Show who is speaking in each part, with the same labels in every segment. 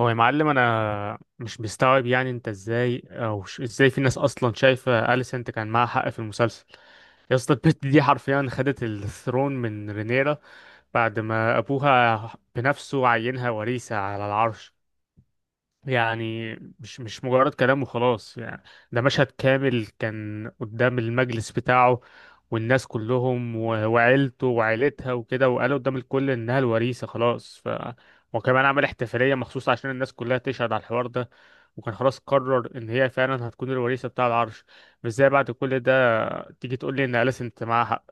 Speaker 1: هو يا معلم انا مش مستوعب يعني انت ازاي او ازاي في ناس اصلا شايفه اليسنت كان معاها حق في المسلسل. يا اسطى البت دي حرفيا خدت الثرون من رينيرا بعد ما ابوها بنفسه عينها وريثة على العرش. يعني مش مجرد كلام وخلاص يعني، ده مشهد كامل كان قدام المجلس بتاعه والناس كلهم وعيلته وعيلتها وكده، وقالوا قدام الكل انها الوريثة خلاص، ف وكمان عمل احتفالية مخصوص عشان الناس كلها تشهد على الحوار ده، وكان خلاص قرر ان هي فعلا هتكون الوريثة بتاع العرش. مش زي بعد كل ده تيجي تقول لي ان أليس انت معاها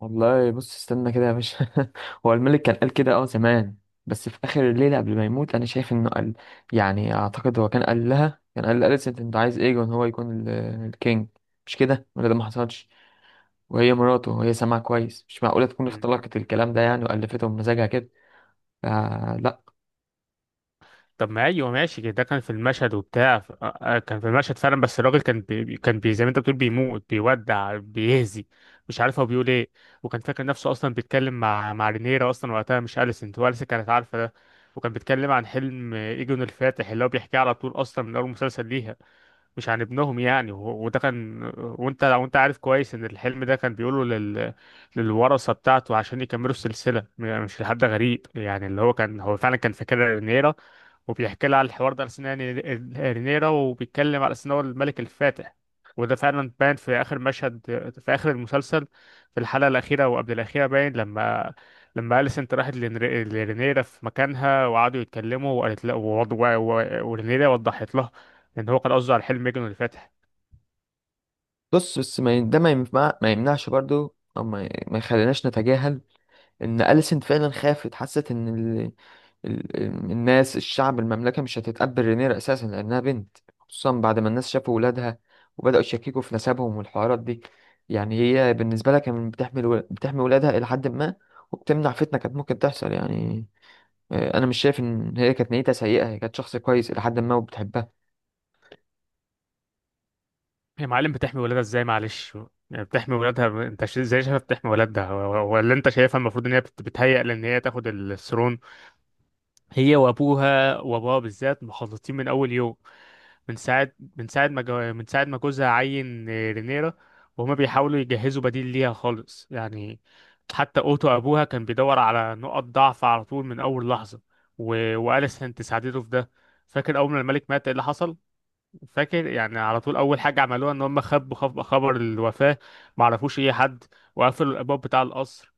Speaker 2: والله بص استنى كده يا باشا. هو الملك كان قال كده اه زمان، بس في اخر الليله قبل ما يموت انا شايف انه قال. يعني اعتقد هو كان قال لها، كان قال لأليسنت انت عايز ايه، ان هو يكون الكينج. مش كده؟ ولا ده ما حصلش؟ وهي مراته وهي سامعه كويس، مش معقوله تكون
Speaker 1: حق.
Speaker 2: اختلقت الكلام ده يعني والفته بمزاجها كده. فلا.
Speaker 1: طب ما ايوه ماشي كده، ده كان في المشهد وبتاع كان في المشهد فعلا، بس الراجل كان بي زي ما انت بتقول بيموت بيودع بيهزي، مش عارف هو بيقول ايه. وكان فاكر نفسه اصلا بيتكلم مع رينيرا اصلا وقتها مش اليسنت، واليسنت كانت عارفه ده. وكان بيتكلم عن حلم ايجون الفاتح اللي هو بيحكيه على طول اصلا من اول مسلسل ليها، مش عن ابنهم يعني، وده كان وانت عارف كويس ان الحلم ده كان بيقوله لل للورثه بتاعته عشان يكملوا السلسله، مش لحد غريب يعني، اللي هو كان هو فعلا كان فاكرها رينيرا وبيحكي لها على الحوار ده على سنة يعني رينيرا، وبيتكلم على سنة هو الملك الفاتح. وده فعلا باين في آخر مشهد، في آخر المسلسل، في الحلقة الأخيرة وقبل الأخيرة، باين لما أليسنت راحت لرينيرا في مكانها وقعدوا يتكلموا وقالت لها ورينيرا وضحت لها إن هو كان قصده على الحلم مجنون الفاتح.
Speaker 2: بص بس ما ي- ده ما ينفع، ما يمنعش برضو او ما يخليناش نتجاهل ان أليسنت فعلا خافت، حست ان ال... الناس، الشعب، المملكة مش هتتقبل رينير اساسا لانها بنت، خصوصا بعد ما الناس شافوا ولادها وبدأوا يشككوا في نسبهم والحوارات دي. يعني هي بالنسبة لها كانت بتحمي ولادها الى حد ما، وبتمنع فتنة كانت ممكن تحصل يعني. انا مش شايف ان هي كانت نيتها سيئة، هي كانت شخص كويس الى حد ما وبتحبها.
Speaker 1: يا معلم بتحمي ولادها إزاي معلش؟ يعني بتحمي ولادها انت ازاي شايفها بتحمي ولادها ولا انت شايفها المفروض ان هي بتهيأ لان هي تاخد الثرون. هي وابوها، وابوها بالذات مخلطين من اول يوم، من ساعه من ساعه ما جو... من ساعه ما جوزها عين رينيرا، وهما بيحاولوا يجهزوا بديل ليها خالص يعني. حتى اوتو ابوها كان بيدور على نقط ضعف على طول من اول لحظه، واليسنت ساعدته في ده. فاكر اول ما الملك مات ايه اللي حصل؟ فاكر يعني، على طول اول حاجه عملوها ان هم خبر الوفاه، ما عرفوش اي حد، وقفلوا الابواب بتاع القصر،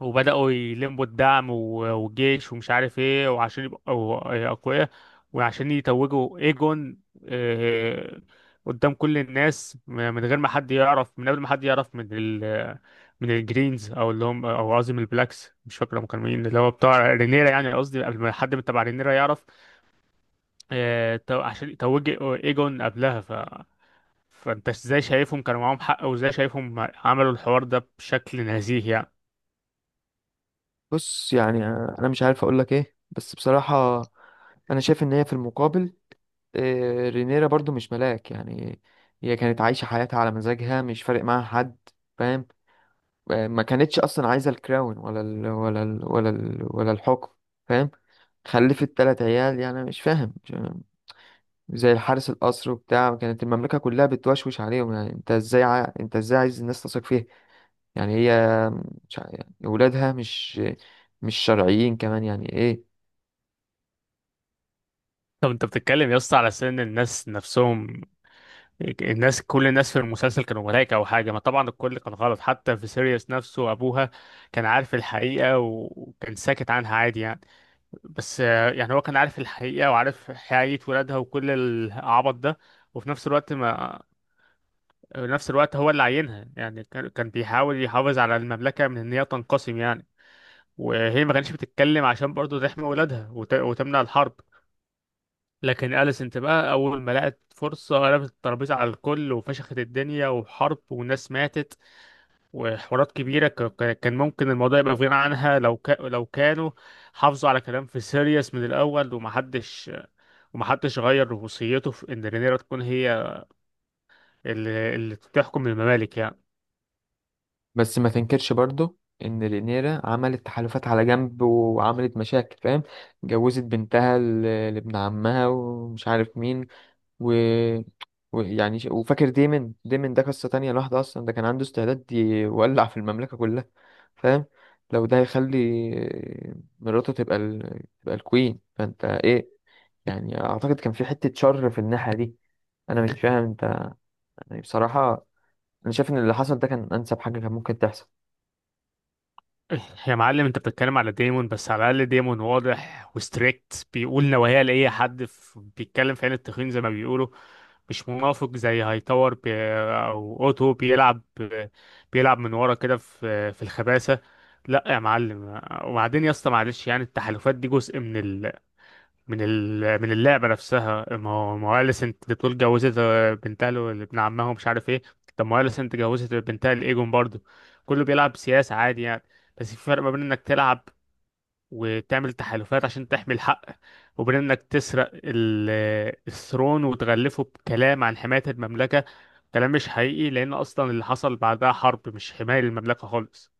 Speaker 1: وبدأوا يلموا الدعم والجيش ومش عارف ايه، وعشان يبقوا أقوياء وعشان يتوجوا ايجون، آه، قدام كل الناس من غير ما حد يعرف، من قبل ما حد يعرف من ال من الجرينز او اللي هم، او قصدي من البلاكس، مش فاكر هم كانوا مين، اللي هو بتاع رينيرا يعني، قصدي قبل ما حد من تبع رينيرا يعرف، عشان يتوج ايجون قبلها، ف فانت ازاي شايفهم كانوا معاهم حق، وازاي شايفهم عملوا الحوار ده بشكل نزيه يعني؟
Speaker 2: بص يعني، انا مش عارف اقول لك ايه بس بصراحة، انا شايف ان هي في المقابل، رينيرا برضو مش ملاك يعني. هي كانت عايشة حياتها على مزاجها، مش فارق معاها حد. فاهم؟ ما كانتش أصلا عايزة الكراون ولا الحكم. فاهم؟ خلفت تلات عيال، يعني مش فاهم زي الحارس القصر وبتاع، كانت المملكة كلها بتوشوش عليهم. يعني انت ازاي عايز الناس تثق فيها؟ يعني هي مش ع- يعني ولادها مش مش شرعيين كمان، يعني ايه؟
Speaker 1: طب انت بتتكلم يا اسطى على سن الناس نفسهم. الناس، كل الناس في المسلسل كانوا ملايكة او حاجة؟ ما طبعا الكل كان غلط، حتى في سيريوس نفسه ابوها كان عارف الحقيقة وكان ساكت عنها عادي يعني. بس يعني هو كان عارف الحقيقة وعارف حقيقة ولادها وكل العبط ده، وفي نفس الوقت ما في نفس الوقت هو اللي عينها يعني، كان بيحاول يحافظ على المملكة من ان هي تنقسم يعني، وهي ما كانتش بتتكلم عشان برضه تحمي ولادها وتمنع الحرب. لكن أليسنت بقى أول ما لقت فرصة قلبت الترابيزة على الكل وفشخت الدنيا، وحرب وناس ماتت وحوارات كبيرة، كان ممكن الموضوع يبقى في غنى عنها لو لو كانوا حافظوا على كلام في سيريوس من الأول، ومحدش غير وصيته في إن رينيرا تكون هي اللي تحكم الممالك يعني.
Speaker 2: بس ما تنكرش برضو ان رينيرا عملت تحالفات على جنب وعملت مشاكل، فاهم؟ جوزت بنتها لابن عمها ومش عارف مين، و ويعني وفاكر ديمن، ديمن ده قصة تانية لوحده اصلا، ده كان عنده استعداد يولع في المملكة كلها. فاهم؟ لو ده هيخلي مراته تبقى تبقى الكوين، فانت ايه؟ يعني اعتقد كان في حتة شر في الناحية دي. انا مش فاهم انت، يعني بصراحة، انا شايف ان اللي حصل ده كان انسب حاجة كان ممكن تحصل.
Speaker 1: يا معلم انت بتتكلم على ديمون، بس على الاقل ديمون واضح وستريكت بيقول نوايا لاي حد، في بيتكلم في عين التخين زي ما بيقولوا، مش منافق زي هايتاور بي او اوتو، بيلعب من ورا كده في الخباثه. لا يا معلم، وبعدين يا اسطى معلش يعني، التحالفات دي جزء من ال من اللعبة نفسها. ما هو أليسنت اللي بتقول جوزت بنتها ابن عمها ومش عارف ايه، طب ما هو أليسنت جوزت بنتها لإيجون برضه. كله بيلعب سياسة عادي يعني، بس في فرق ما بين إنك تلعب وتعمل تحالفات عشان تحمي الحق، وبين إنك تسرق الثرون وتغلفه بكلام عن حماية المملكة، كلام مش حقيقي، لأن أصلا اللي حصل بعدها حرب مش حماية للمملكة خالص.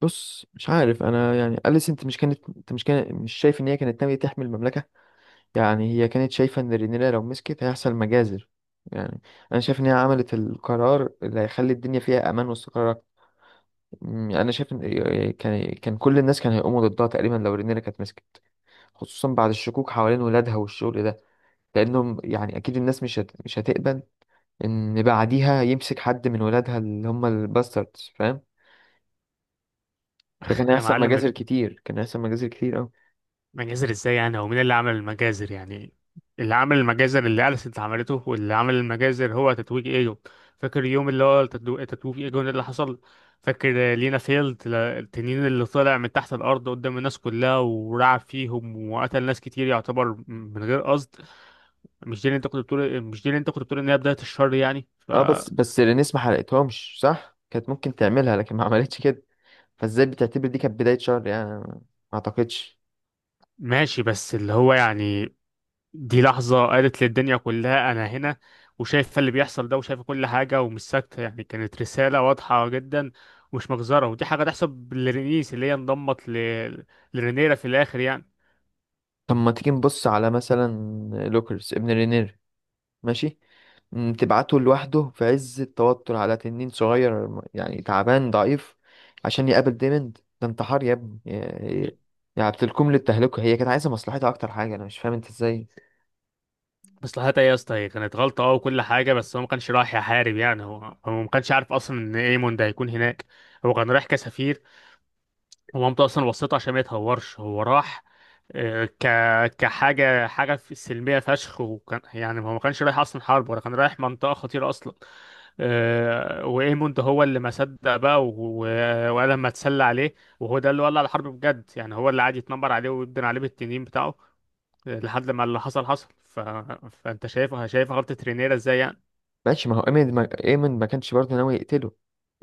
Speaker 2: بص مش عارف انا، يعني اليس انت مش شايف ان هي كانت ناويه تحمي المملكه. يعني هي كانت شايفه ان رينيرا لو مسكت هيحصل مجازر. يعني انا شايف ان هي عملت القرار اللي هيخلي الدنيا فيها امان واستقرار أكتر. انا شايف ان، كان كل الناس كانوا هيقوموا ضدها تقريبا لو رينيرا كانت مسكت، خصوصا بعد الشكوك حوالين ولادها والشغل ده. لانهم يعني اكيد الناس مش هتقبل ان بعديها يمسك حد من ولادها اللي هم الباستردز، فاهم؟ فكان
Speaker 1: يا
Speaker 2: هيحصل
Speaker 1: معلم،
Speaker 2: مجازر كتير، كان هيحصل مجازر كتير أوي.
Speaker 1: مجازر ازاي يعني؟ هو مين اللي عمل المجازر يعني؟ اللي عمل المجازر اللي أليسنت عملته، واللي عمل المجازر هو تتويج ايجو. فاكر اليوم اللي هو تتويج ايجو إيه اللي حصل؟ فاكر لينا فيلد التنين اللي طلع من تحت الأرض قدام الناس كلها ورعب فيهم وقتل ناس كتير، يعتبر من غير قصد. مش دي اللي انت كنت بتقول، مش دي اللي انت كنت بتقول ان هي بداية الشر يعني؟
Speaker 2: اه بس رينيس ما حرقتهمش صح، كانت ممكن تعملها لكن ما عملتش كده. فازاي بتعتبر دي كانت بداية شهر يعني؟ أنا ما اعتقدش.
Speaker 1: فماشي، بس اللي هو يعني دي لحظة قالت للدنيا كلها أنا هنا وشايفة اللي بيحصل ده وشايفة كل حاجة ومش ساكتة يعني، كانت رسالة واضحة جدا ومش مجزرة، ودي حاجة تحسب لرينيس اللي هي انضمت لرينيرا في الآخر يعني.
Speaker 2: طب ما تيجي نبص على مثلا لوكرز ابن رينير، ماشي، تبعته لوحده في عز التوتر على تنين صغير يعني تعبان ضعيف عشان يقابل ديمند، ده انتحار يا ابني يعني بتلكم للتهلكة. هي كانت عايزة مصلحتها أكتر حاجة، أنا مش فاهم أنت إزاي.
Speaker 1: مصلحتها ايه يا اسطى، هي كانت غلطة اه وكل حاجة، بس هو ما كانش رايح يحارب يعني، هو ما كانش عارف أصلا إن ايمون ده هيكون هناك. هو كان رايح كسفير، هو مامته اصلا وصيته عشان ما يتهورش، هو راح آه، ك كحاجه سلميه فشخ، وكان يعني هو ما كانش رايح اصلا حرب، ولا كان رايح منطقه خطيره اصلا. وايموند هو اللي ما صدق بقى وقال لما اتسلى عليه، وهو ده اللي ولع الحرب بجد يعني، هو اللي قعد يتنمر عليه ويبدن عليه بالتنين بتاعه لحد ما اللي حصل حصل، فانت شايف، شايف غلطه رينيرا ازاي يعني؟
Speaker 2: ماشي، ما هو ايمن، ما كانش برضه ناوي يقتله،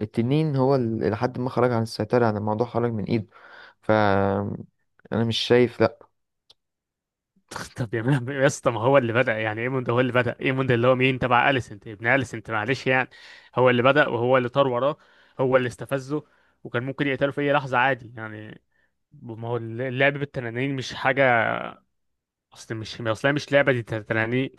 Speaker 2: التنين هو اللي لحد ما خرج عن السيطرة، يعني الموضوع خرج من ايده. ف انا مش شايف، لا.
Speaker 1: طب يا يا اسطى، ما هو اللي بدأ يعني، ايموند هو اللي بدأ، ايموند اللي هو مين، تبع اليسنت، ابن اليسنت معلش يعني، هو اللي بدأ وهو اللي طار وراه، هو اللي استفزه، وكان ممكن يقتله في اي لحظة عادي يعني. ما هو اللعب بالتنانين مش حاجة اصل مش ما اصل هي مش لعبه دي، تنانين.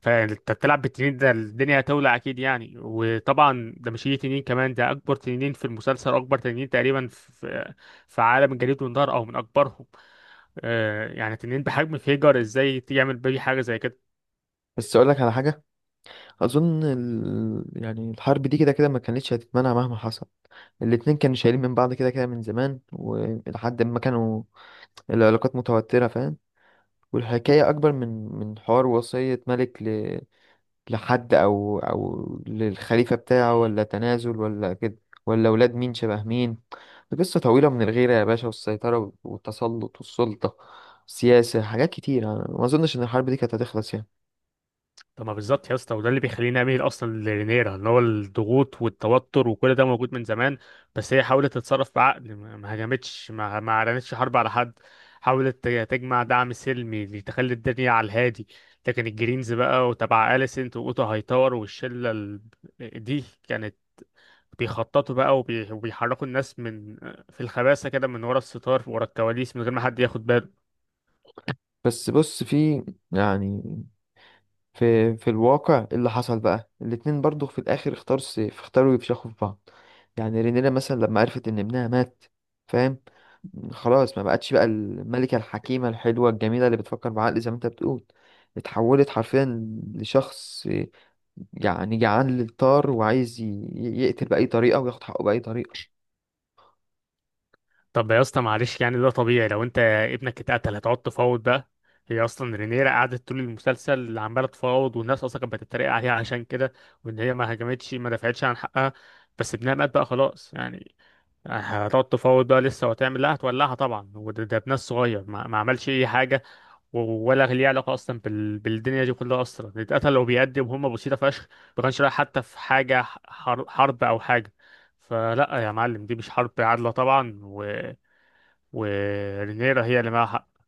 Speaker 1: فانت بتلعب بالتنين ده الدنيا هتولع اكيد يعني، وطبعا ده مش اي تنين كمان، ده اكبر تنين في المسلسل واكبر تنين تقريبا في عالم الجليد والنار او من اكبرهم. آه يعني تنين بحجم فيجر، ازاي يعمل بيه حاجه زي كده؟
Speaker 2: بس اقول لك على حاجة، اظن يعني الحرب دي كده كده ما كانتش هتتمنع مهما حصل. الاتنين كانوا شايلين من بعض كده كده من زمان، ولحد ما كانوا العلاقات متوترة، فاهم؟ والحكاية اكبر من من حوار وصية ملك لحد او للخليفه بتاعه، ولا تنازل ولا كده، ولا اولاد مين شبه مين. قصه طويله من الغيره يا باشا، والسيطره والتسلط والسلطه، سياسه، حاجات كتير. أنا ما اظنش ان الحرب دي كانت هتخلص يعني.
Speaker 1: طب ما بالظبط يا اسطى، وده اللي بيخليني اميل اصلا لرينيرا، ان هو الضغوط والتوتر وكل ده موجود من زمان، بس هي حاولت تتصرف بعقل، ما هجمتش ما اعلنتش حرب على حد، حاولت تجمع دعم سلمي لتخلي الدنيا على الهادي. لكن الجرينز بقى وتبع اليسنت واوتا هايتاور والشله دي كانت بيخططوا بقى وبيحركوا الناس من في الخباثه كده، من ورا الستار ورا الكواليس من غير ما حد ياخد باله.
Speaker 2: بس بص، في يعني، في الواقع إيه اللي حصل بقى؟ الاتنين برضو في الاخر اختار سيف، اختاروا يفشخوا في بعض. يعني رينيرا مثلا لما عرفت ان ابنها مات، فاهم، خلاص ما بقتش بقى الملكة الحكيمة الحلوة الجميلة اللي بتفكر بعقل زي ما انت بتقول، اتحولت حرفيا لشخص يعني جعان للطار وعايز يقتل بأي طريقة وياخد حقه بأي طريقة.
Speaker 1: طب يا اسطى معلش يعني، ده طبيعي لو انت ابنك اتقتل هتقعد تفاوض بقى؟ هي اصلا رينيرا قعدت طول المسلسل عماله تفاوض، والناس اصلا كانت بتتريق عليها عشان كده وان هي ما هجمتش ما دفعتش عن حقها. بس ابنها مات بقى خلاص يعني، هتقعد تفاوض بقى لسه؟ وهتعمل لا، هتولعها طبعا، وده ده ابنها الصغير ما عملش اي حاجه ولا ليه علاقه اصلا بالدنيا دي كلها اصلا، اللي اتقتل وبيقدم هم بسيطه فشخ، ما كانش رايح حتى في حاجه حرب او حاجه. فلا يا معلم، دي مش حرب عادله طبعا، ورينيرا هي اللي معاها.